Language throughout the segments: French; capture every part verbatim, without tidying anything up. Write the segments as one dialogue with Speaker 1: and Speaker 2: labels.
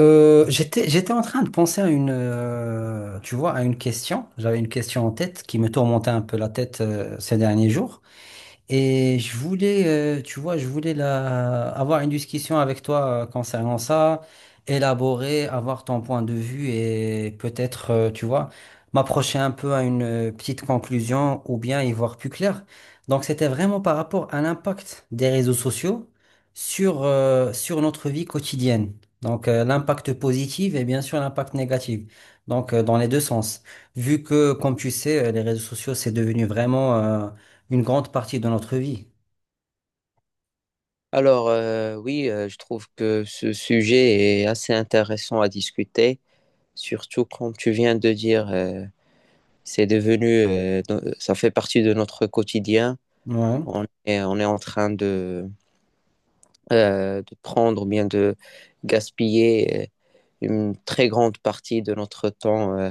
Speaker 1: Euh, j'étais, j'étais en train de penser à une, euh, tu vois, à une question. J'avais une question en tête qui me tourmentait un peu la tête, euh, ces derniers jours. Et je voulais, euh, tu vois, je voulais la- avoir une discussion avec toi euh, concernant ça, élaborer, avoir ton point de vue et peut-être, euh, tu vois, m'approcher un peu à une euh, petite conclusion ou bien y voir plus clair. Donc, c'était vraiment par rapport à l'impact des réseaux sociaux sur, euh, sur notre vie quotidienne. Donc, euh, l'impact positif et bien sûr l'impact négatif. Donc, euh, dans les deux sens. Vu que, comme tu sais, euh, les réseaux sociaux, c'est devenu vraiment... euh, une grande partie de notre vie.
Speaker 2: Alors, euh, oui, euh, je trouve que ce sujet est assez intéressant à discuter, surtout comme tu viens de dire, euh, c'est devenu, euh, no- euh, ça fait partie de notre quotidien.
Speaker 1: Ouais,
Speaker 2: On est, on est en train de, euh, de prendre ou bien de gaspiller euh, une très grande partie de notre temps euh,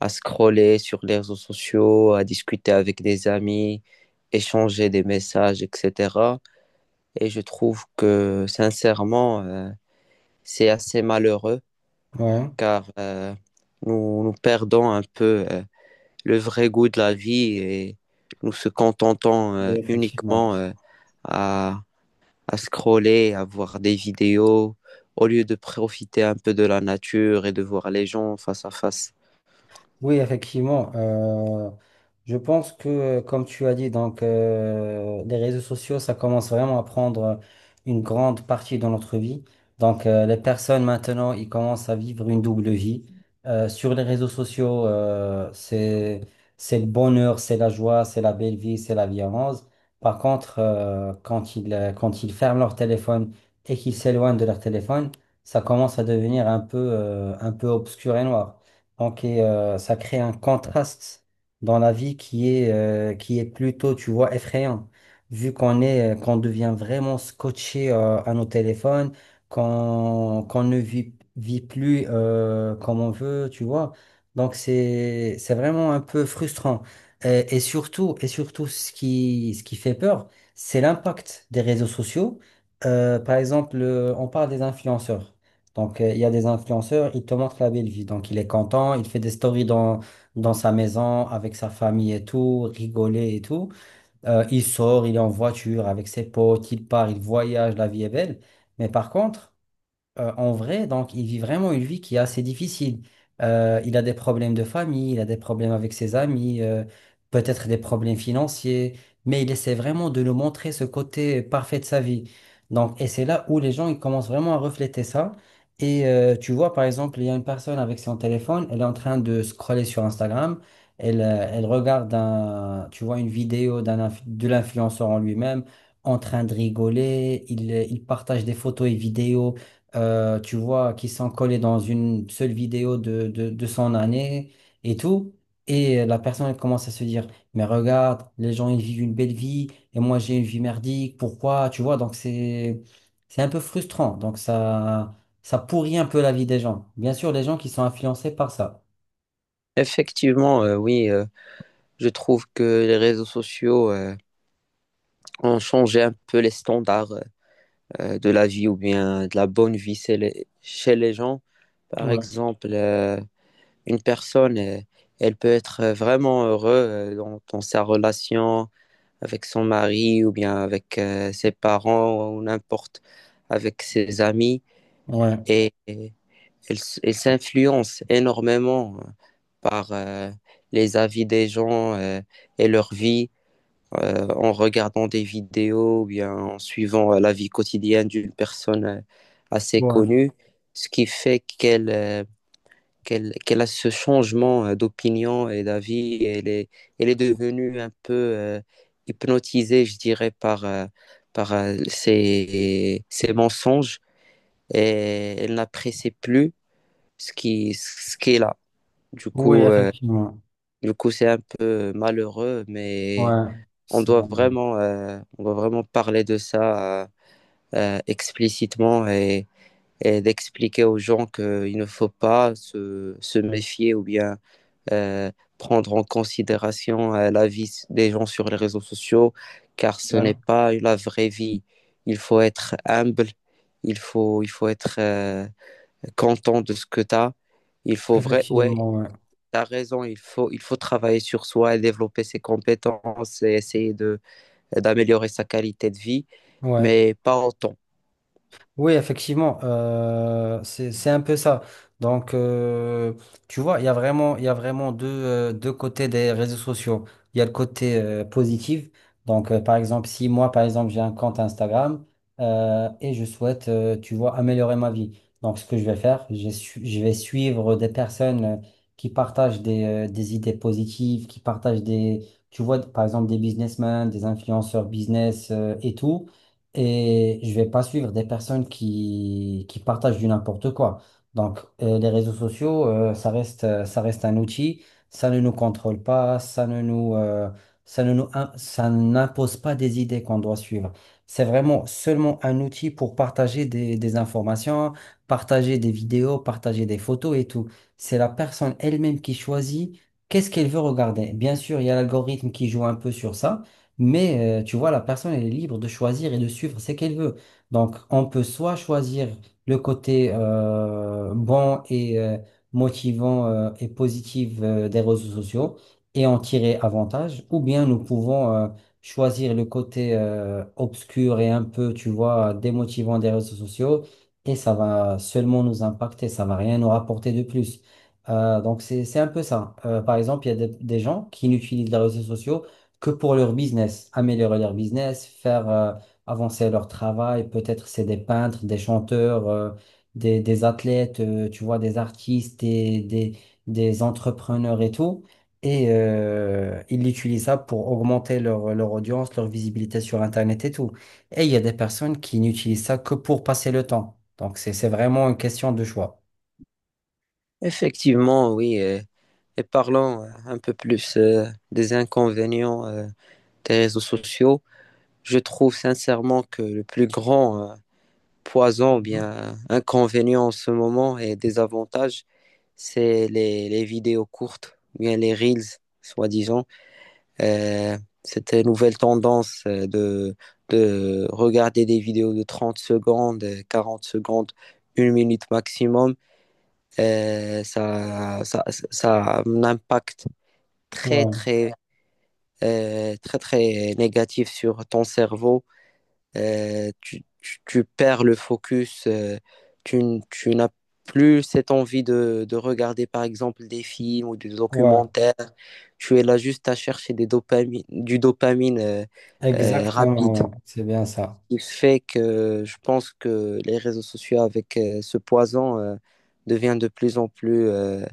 Speaker 2: à scroller sur les réseaux sociaux, à discuter avec des amis, échanger des messages, et cetera. Et je trouve que sincèrement, euh, c'est assez malheureux
Speaker 1: ouais,
Speaker 2: car euh, nous, nous perdons un peu euh, le vrai goût de la vie et nous se contentons
Speaker 1: oui,
Speaker 2: euh,
Speaker 1: effectivement.
Speaker 2: uniquement euh, à, à scroller, à voir des vidéos, au lieu de profiter un peu de la nature et de voir les gens face à face.
Speaker 1: Oui, effectivement. Euh, je pense que, comme tu as dit, donc euh, les réseaux sociaux, ça commence vraiment à prendre une grande partie de notre vie. Donc euh, les personnes maintenant, ils commencent à vivre une double vie. Euh, sur les réseaux sociaux, euh, c'est c'est le bonheur, c'est la joie, c'est la belle vie, c'est la vie en rose. Par contre, euh, quand ils euh, quand ils ferment leur téléphone et qu'ils s'éloignent de leur téléphone, ça commence à devenir un peu euh, un peu obscur et noir. Donc, et, euh, ça crée un contraste dans la vie qui est, euh, qui est plutôt, tu vois, effrayant. Vu qu'on est, euh, qu'on devient vraiment scotché, euh, à nos téléphones, qu'on qu'on ne vit, vit plus, euh, comme on veut, tu vois. Donc, c'est, c'est vraiment un peu frustrant. Et, et surtout, et surtout, ce qui, ce qui fait peur, c'est l'impact des réseaux sociaux. Euh, par exemple, euh, on parle des influenceurs. Donc, euh, il y a des influenceurs, ils te montrent la belle vie. Donc, il est content, il fait des stories dans, dans sa maison, avec sa famille et tout, rigoler et tout. Euh, il sort, il est en voiture avec ses potes, il part, il voyage, la vie est belle. Mais par contre, euh, en vrai, donc il vit vraiment une vie qui est assez difficile. Euh, il a des problèmes de famille, il a des problèmes avec ses amis, euh, peut-être des problèmes financiers, mais il essaie vraiment de nous montrer ce côté parfait de sa vie. Donc, et c'est là où les gens ils commencent vraiment à refléter ça. Et euh, tu vois, par exemple, il y a une personne avec son téléphone, elle est en train de scroller sur Instagram, elle, euh, elle regarde un, tu vois, une vidéo d'un, inf- de l'influenceur en lui-même, en train de rigoler, il, euh, il partage des photos et vidéos euh, tu vois, qui sont collés dans une seule vidéo de, de, de son année et tout. Et euh, la personne elle commence à se dire, mais regarde, les gens, ils vivent une belle vie et moi, j'ai une vie merdique, pourquoi? Tu vois, donc c'est, c'est un peu frustrant. Donc ça, ça pourrit un peu la vie des gens. Bien sûr, les gens qui sont influencés par ça.
Speaker 2: Effectivement, euh, oui, euh, je trouve que les réseaux sociaux euh, ont changé un peu les standards euh, de la vie ou bien de la bonne vie chez les, chez les gens. Par exemple, euh, une personne, euh, elle peut être euh, vraiment heureuse euh, dans, dans sa relation avec son mari ou bien avec euh, ses parents ou n'importe, avec ses amis.
Speaker 1: Ouais,
Speaker 2: Et, et elle, s- elle s'influence énormément euh, par euh, les avis des gens euh, et leur vie euh, en regardant des vidéos ou bien en suivant euh, la vie quotidienne d'une personne euh, assez
Speaker 1: ouais,
Speaker 2: connue, ce qui fait qu'elle... euh, qu'elle qu'elle a ce changement euh, d'opinion et d'avis. et Elle est, elle est devenue un peu euh, hypnotisée, je dirais, par, euh, par euh, ses, ses mensonges et elle n'apprécie plus ce qui, ce qui est là. Du
Speaker 1: oui,
Speaker 2: coup, euh,
Speaker 1: effectivement.
Speaker 2: du coup, c'est un peu malheureux, mais
Speaker 1: Ouais,
Speaker 2: on
Speaker 1: c'est-
Speaker 2: doit vraiment, euh, on doit vraiment parler de ça euh, euh, explicitement et, et d'expliquer aux gens qu'il ne faut pas se, se méfier ou bien euh, prendre en considération euh, la vie des gens sur les réseaux sociaux, car ce n'est
Speaker 1: ouais,
Speaker 2: pas la vraie vie. Il faut être humble, il faut, il faut être euh, content de ce que tu as. Il faut vrai, ouais,
Speaker 1: effectivement, ouais.
Speaker 2: tu as raison, il faut, il faut travailler sur soi et développer ses compétences et essayer de, d'améliorer sa qualité de vie,
Speaker 1: Ouais.
Speaker 2: mais pas autant.
Speaker 1: Oui, effectivement, euh, c'est, c'est un peu ça. Donc, euh, tu vois, il y a vraiment, il y a vraiment deux, euh, deux côtés des réseaux sociaux. Il y a le côté euh, positif. Donc, euh, par exemple, si moi, par exemple, j'ai un compte Instagram euh, et je souhaite, euh, tu vois, améliorer ma vie. Donc, ce que je vais faire, je, su- je vais suivre des personnes euh, qui partagent des, euh, des idées positives, qui partagent des, tu vois, par exemple, des businessmen, des influenceurs business euh, et tout et je vais pas suivre des personnes qui, qui partagent du n'importe quoi. Donc, euh, les réseaux sociaux, euh, ça reste, euh, ça reste un outil, ça ne nous contrôle pas, ça ne nous, euh, ça ne nous, im- ça n'impose pas des idées qu'on doit suivre. C'est vraiment seulement un outil pour partager des, des informations, partager des vidéos, partager des photos et tout. C'est la personne elle-même qui choisit qu'est-ce qu'elle veut regarder. Bien sûr, il y a l'algorithme qui joue un peu sur ça. Mais euh, tu vois, la personne, elle est libre de choisir et de suivre ce qu'elle veut. Donc, on peut soit choisir le côté euh, bon et euh, motivant euh, et positif euh, des réseaux sociaux et en tirer avantage, ou bien nous pouvons euh, choisir le côté euh, obscur et un peu, tu vois, démotivant des réseaux sociaux et ça va seulement nous impacter, ça va rien nous rapporter de plus. Euh, donc, c'est, c'est un peu ça. Euh, par exemple, il y a des des gens qui n'utilisent les réseaux sociaux que pour leur business, améliorer leur business, faire euh, avancer leur travail. Peut-être c'est des peintres, des chanteurs, euh, des, des athlètes, euh, tu vois, des artistes, des, des, des entrepreneurs et tout. Et euh, ils utilisent ça pour augmenter leur, leur audience, leur visibilité sur Internet et tout. Et il y a des personnes qui n'utilisent ça que pour passer le temps. Donc c'est, c'est vraiment une question de choix.
Speaker 2: Effectivement, oui. Euh, et parlons euh, un peu plus euh, des inconvénients euh, des réseaux sociaux. Je trouve sincèrement que le plus grand euh, poison ou
Speaker 1: Mhm.
Speaker 2: bien inconvénient en ce moment et désavantage, c'est les, les vidéos courtes, ou bien les reels, soi-disant. Euh, Cette nouvelle tendance euh, de, de regarder des vidéos de trente secondes, euh, quarante secondes, une minute maximum, euh, ça, ça, ça a un impact très,
Speaker 1: Ouais,
Speaker 2: très, euh, très, très négatif sur ton cerveau. Euh, tu, tu- tu perds le focus, euh, tu, n- tu n'as plus cette envie de, de regarder par exemple des films ou des
Speaker 1: ouais,
Speaker 2: documentaires, tu es là juste à chercher des dopami- du dopamine euh, euh, rapide,
Speaker 1: exactement, ouais. C'est bien ça.
Speaker 2: ce qui fait que je pense que les réseaux sociaux avec euh, ce poison euh, devient de plus en plus euh,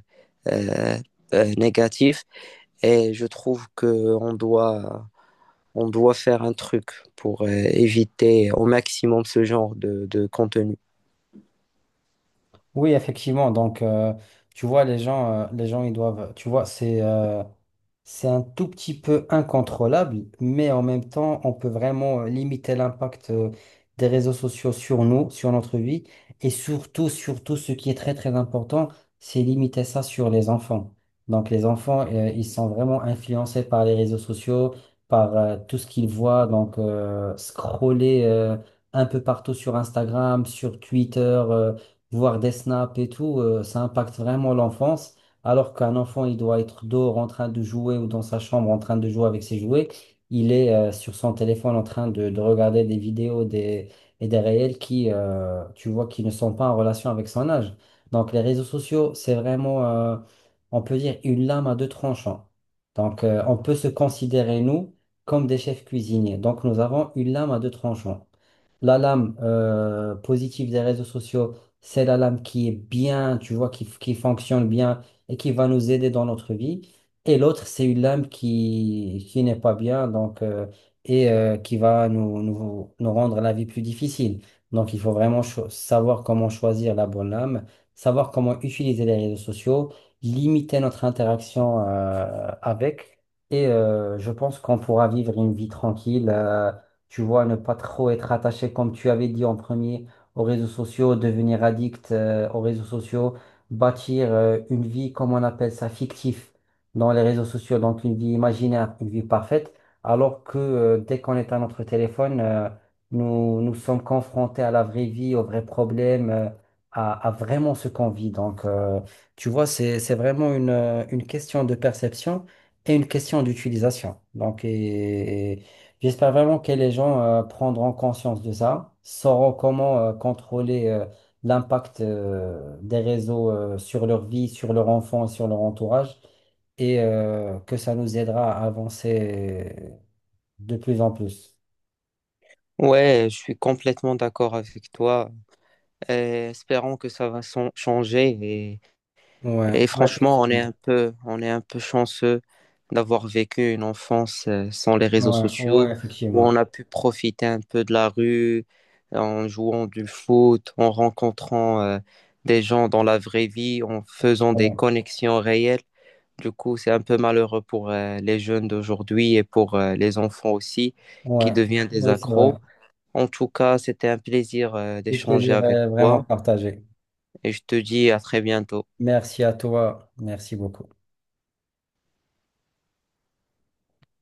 Speaker 2: euh, euh, négatif et je trouve qu'on doit on doit faire un truc pour euh, éviter au maximum ce genre de, de contenu.
Speaker 1: Oui, effectivement. Donc, euh, tu vois, les gens, euh, les gens, ils doivent, tu vois, c'est euh, c'est un tout petit peu incontrôlable, mais en même temps, on peut vraiment euh, limiter l'impact euh, des réseaux sociaux sur nous, sur notre vie, et surtout, surtout, ce qui est très, très important, c'est limiter ça sur les enfants. Donc, les enfants, euh, ils sont vraiment influencés par les réseaux sociaux, par euh, tout ce qu'ils voient, donc euh, scroller euh, un peu partout sur Instagram, sur Twitter. Euh, voir des snaps et tout, euh, ça impacte vraiment l'enfance. Alors qu'un enfant, il doit être dehors en train de jouer ou dans sa chambre en train de jouer avec ses jouets. Il est euh, sur son téléphone en train de, de regarder des vidéos des, et des réels qui, euh, tu vois, qui ne sont pas en relation avec son âge. Donc les réseaux sociaux, c'est vraiment, euh, on peut dire, une lame à deux tranchants. Donc euh, on peut se considérer, nous, comme des chefs cuisiniers. Donc nous avons une lame à deux tranchants. La lame euh, positive des réseaux sociaux, c'est la lame qui est bien, tu vois, qui, qui fonctionne bien et qui va nous aider dans notre vie. Et l'autre, c'est une lame qui, qui n'est pas bien, donc, euh, et euh, qui va nous, nous, nous rendre la vie plus difficile. Donc, il faut vraiment cho- savoir comment choisir la bonne lame, savoir comment utiliser les réseaux sociaux, limiter notre interaction euh, avec. Et euh, je pense qu'on pourra vivre une vie tranquille. Euh, tu vois, ne pas trop être attaché, comme tu avais dit en premier, aux réseaux sociaux, devenir addict euh, aux réseaux sociaux, bâtir euh, une vie, comme on appelle ça, fictif dans les réseaux sociaux, donc une vie imaginaire, une vie parfaite, alors que euh, dès qu'on est à notre téléphone, euh, nous, nous sommes confrontés à la vraie vie, aux vrais problèmes, euh, à, à vraiment ce qu'on vit. Donc, euh, tu vois, c'est, c'est vraiment une, euh, une question de perception et une question d'utilisation. Donc, et, et- J'espère vraiment que les gens euh, prendront conscience de ça, sauront comment euh, contrôler euh, l'impact euh, des réseaux euh, sur leur vie, sur leur enfant et sur leur entourage, et euh, que ça nous aidera à avancer de plus en plus.
Speaker 2: Ouais, je suis complètement d'accord avec toi. Euh, espérons que ça va son- changer et,
Speaker 1: Ouais,
Speaker 2: et
Speaker 1: ouais,
Speaker 2: franchement, on est
Speaker 1: effectivement.
Speaker 2: un peu, on est un peu chanceux d'avoir vécu une enfance euh, sans les réseaux
Speaker 1: Ouais,
Speaker 2: sociaux,
Speaker 1: ouais,
Speaker 2: où on
Speaker 1: effectivement.
Speaker 2: a pu profiter un peu de la rue en jouant du foot, en rencontrant euh, des gens dans la vraie vie, en faisant des
Speaker 1: Ouais,
Speaker 2: connexions réelles. Du coup, c'est un peu malheureux pour euh, les jeunes d'aujourd'hui et pour euh, les enfants aussi qui
Speaker 1: ouais.
Speaker 2: deviennent des
Speaker 1: Oui, c'est vrai.
Speaker 2: accros. En tout cas, c'était un plaisir euh,
Speaker 1: Du
Speaker 2: d'échanger
Speaker 1: plaisir
Speaker 2: avec
Speaker 1: euh, vraiment
Speaker 2: toi
Speaker 1: partagé.
Speaker 2: et je te dis à très bientôt.
Speaker 1: Merci à toi. Merci beaucoup.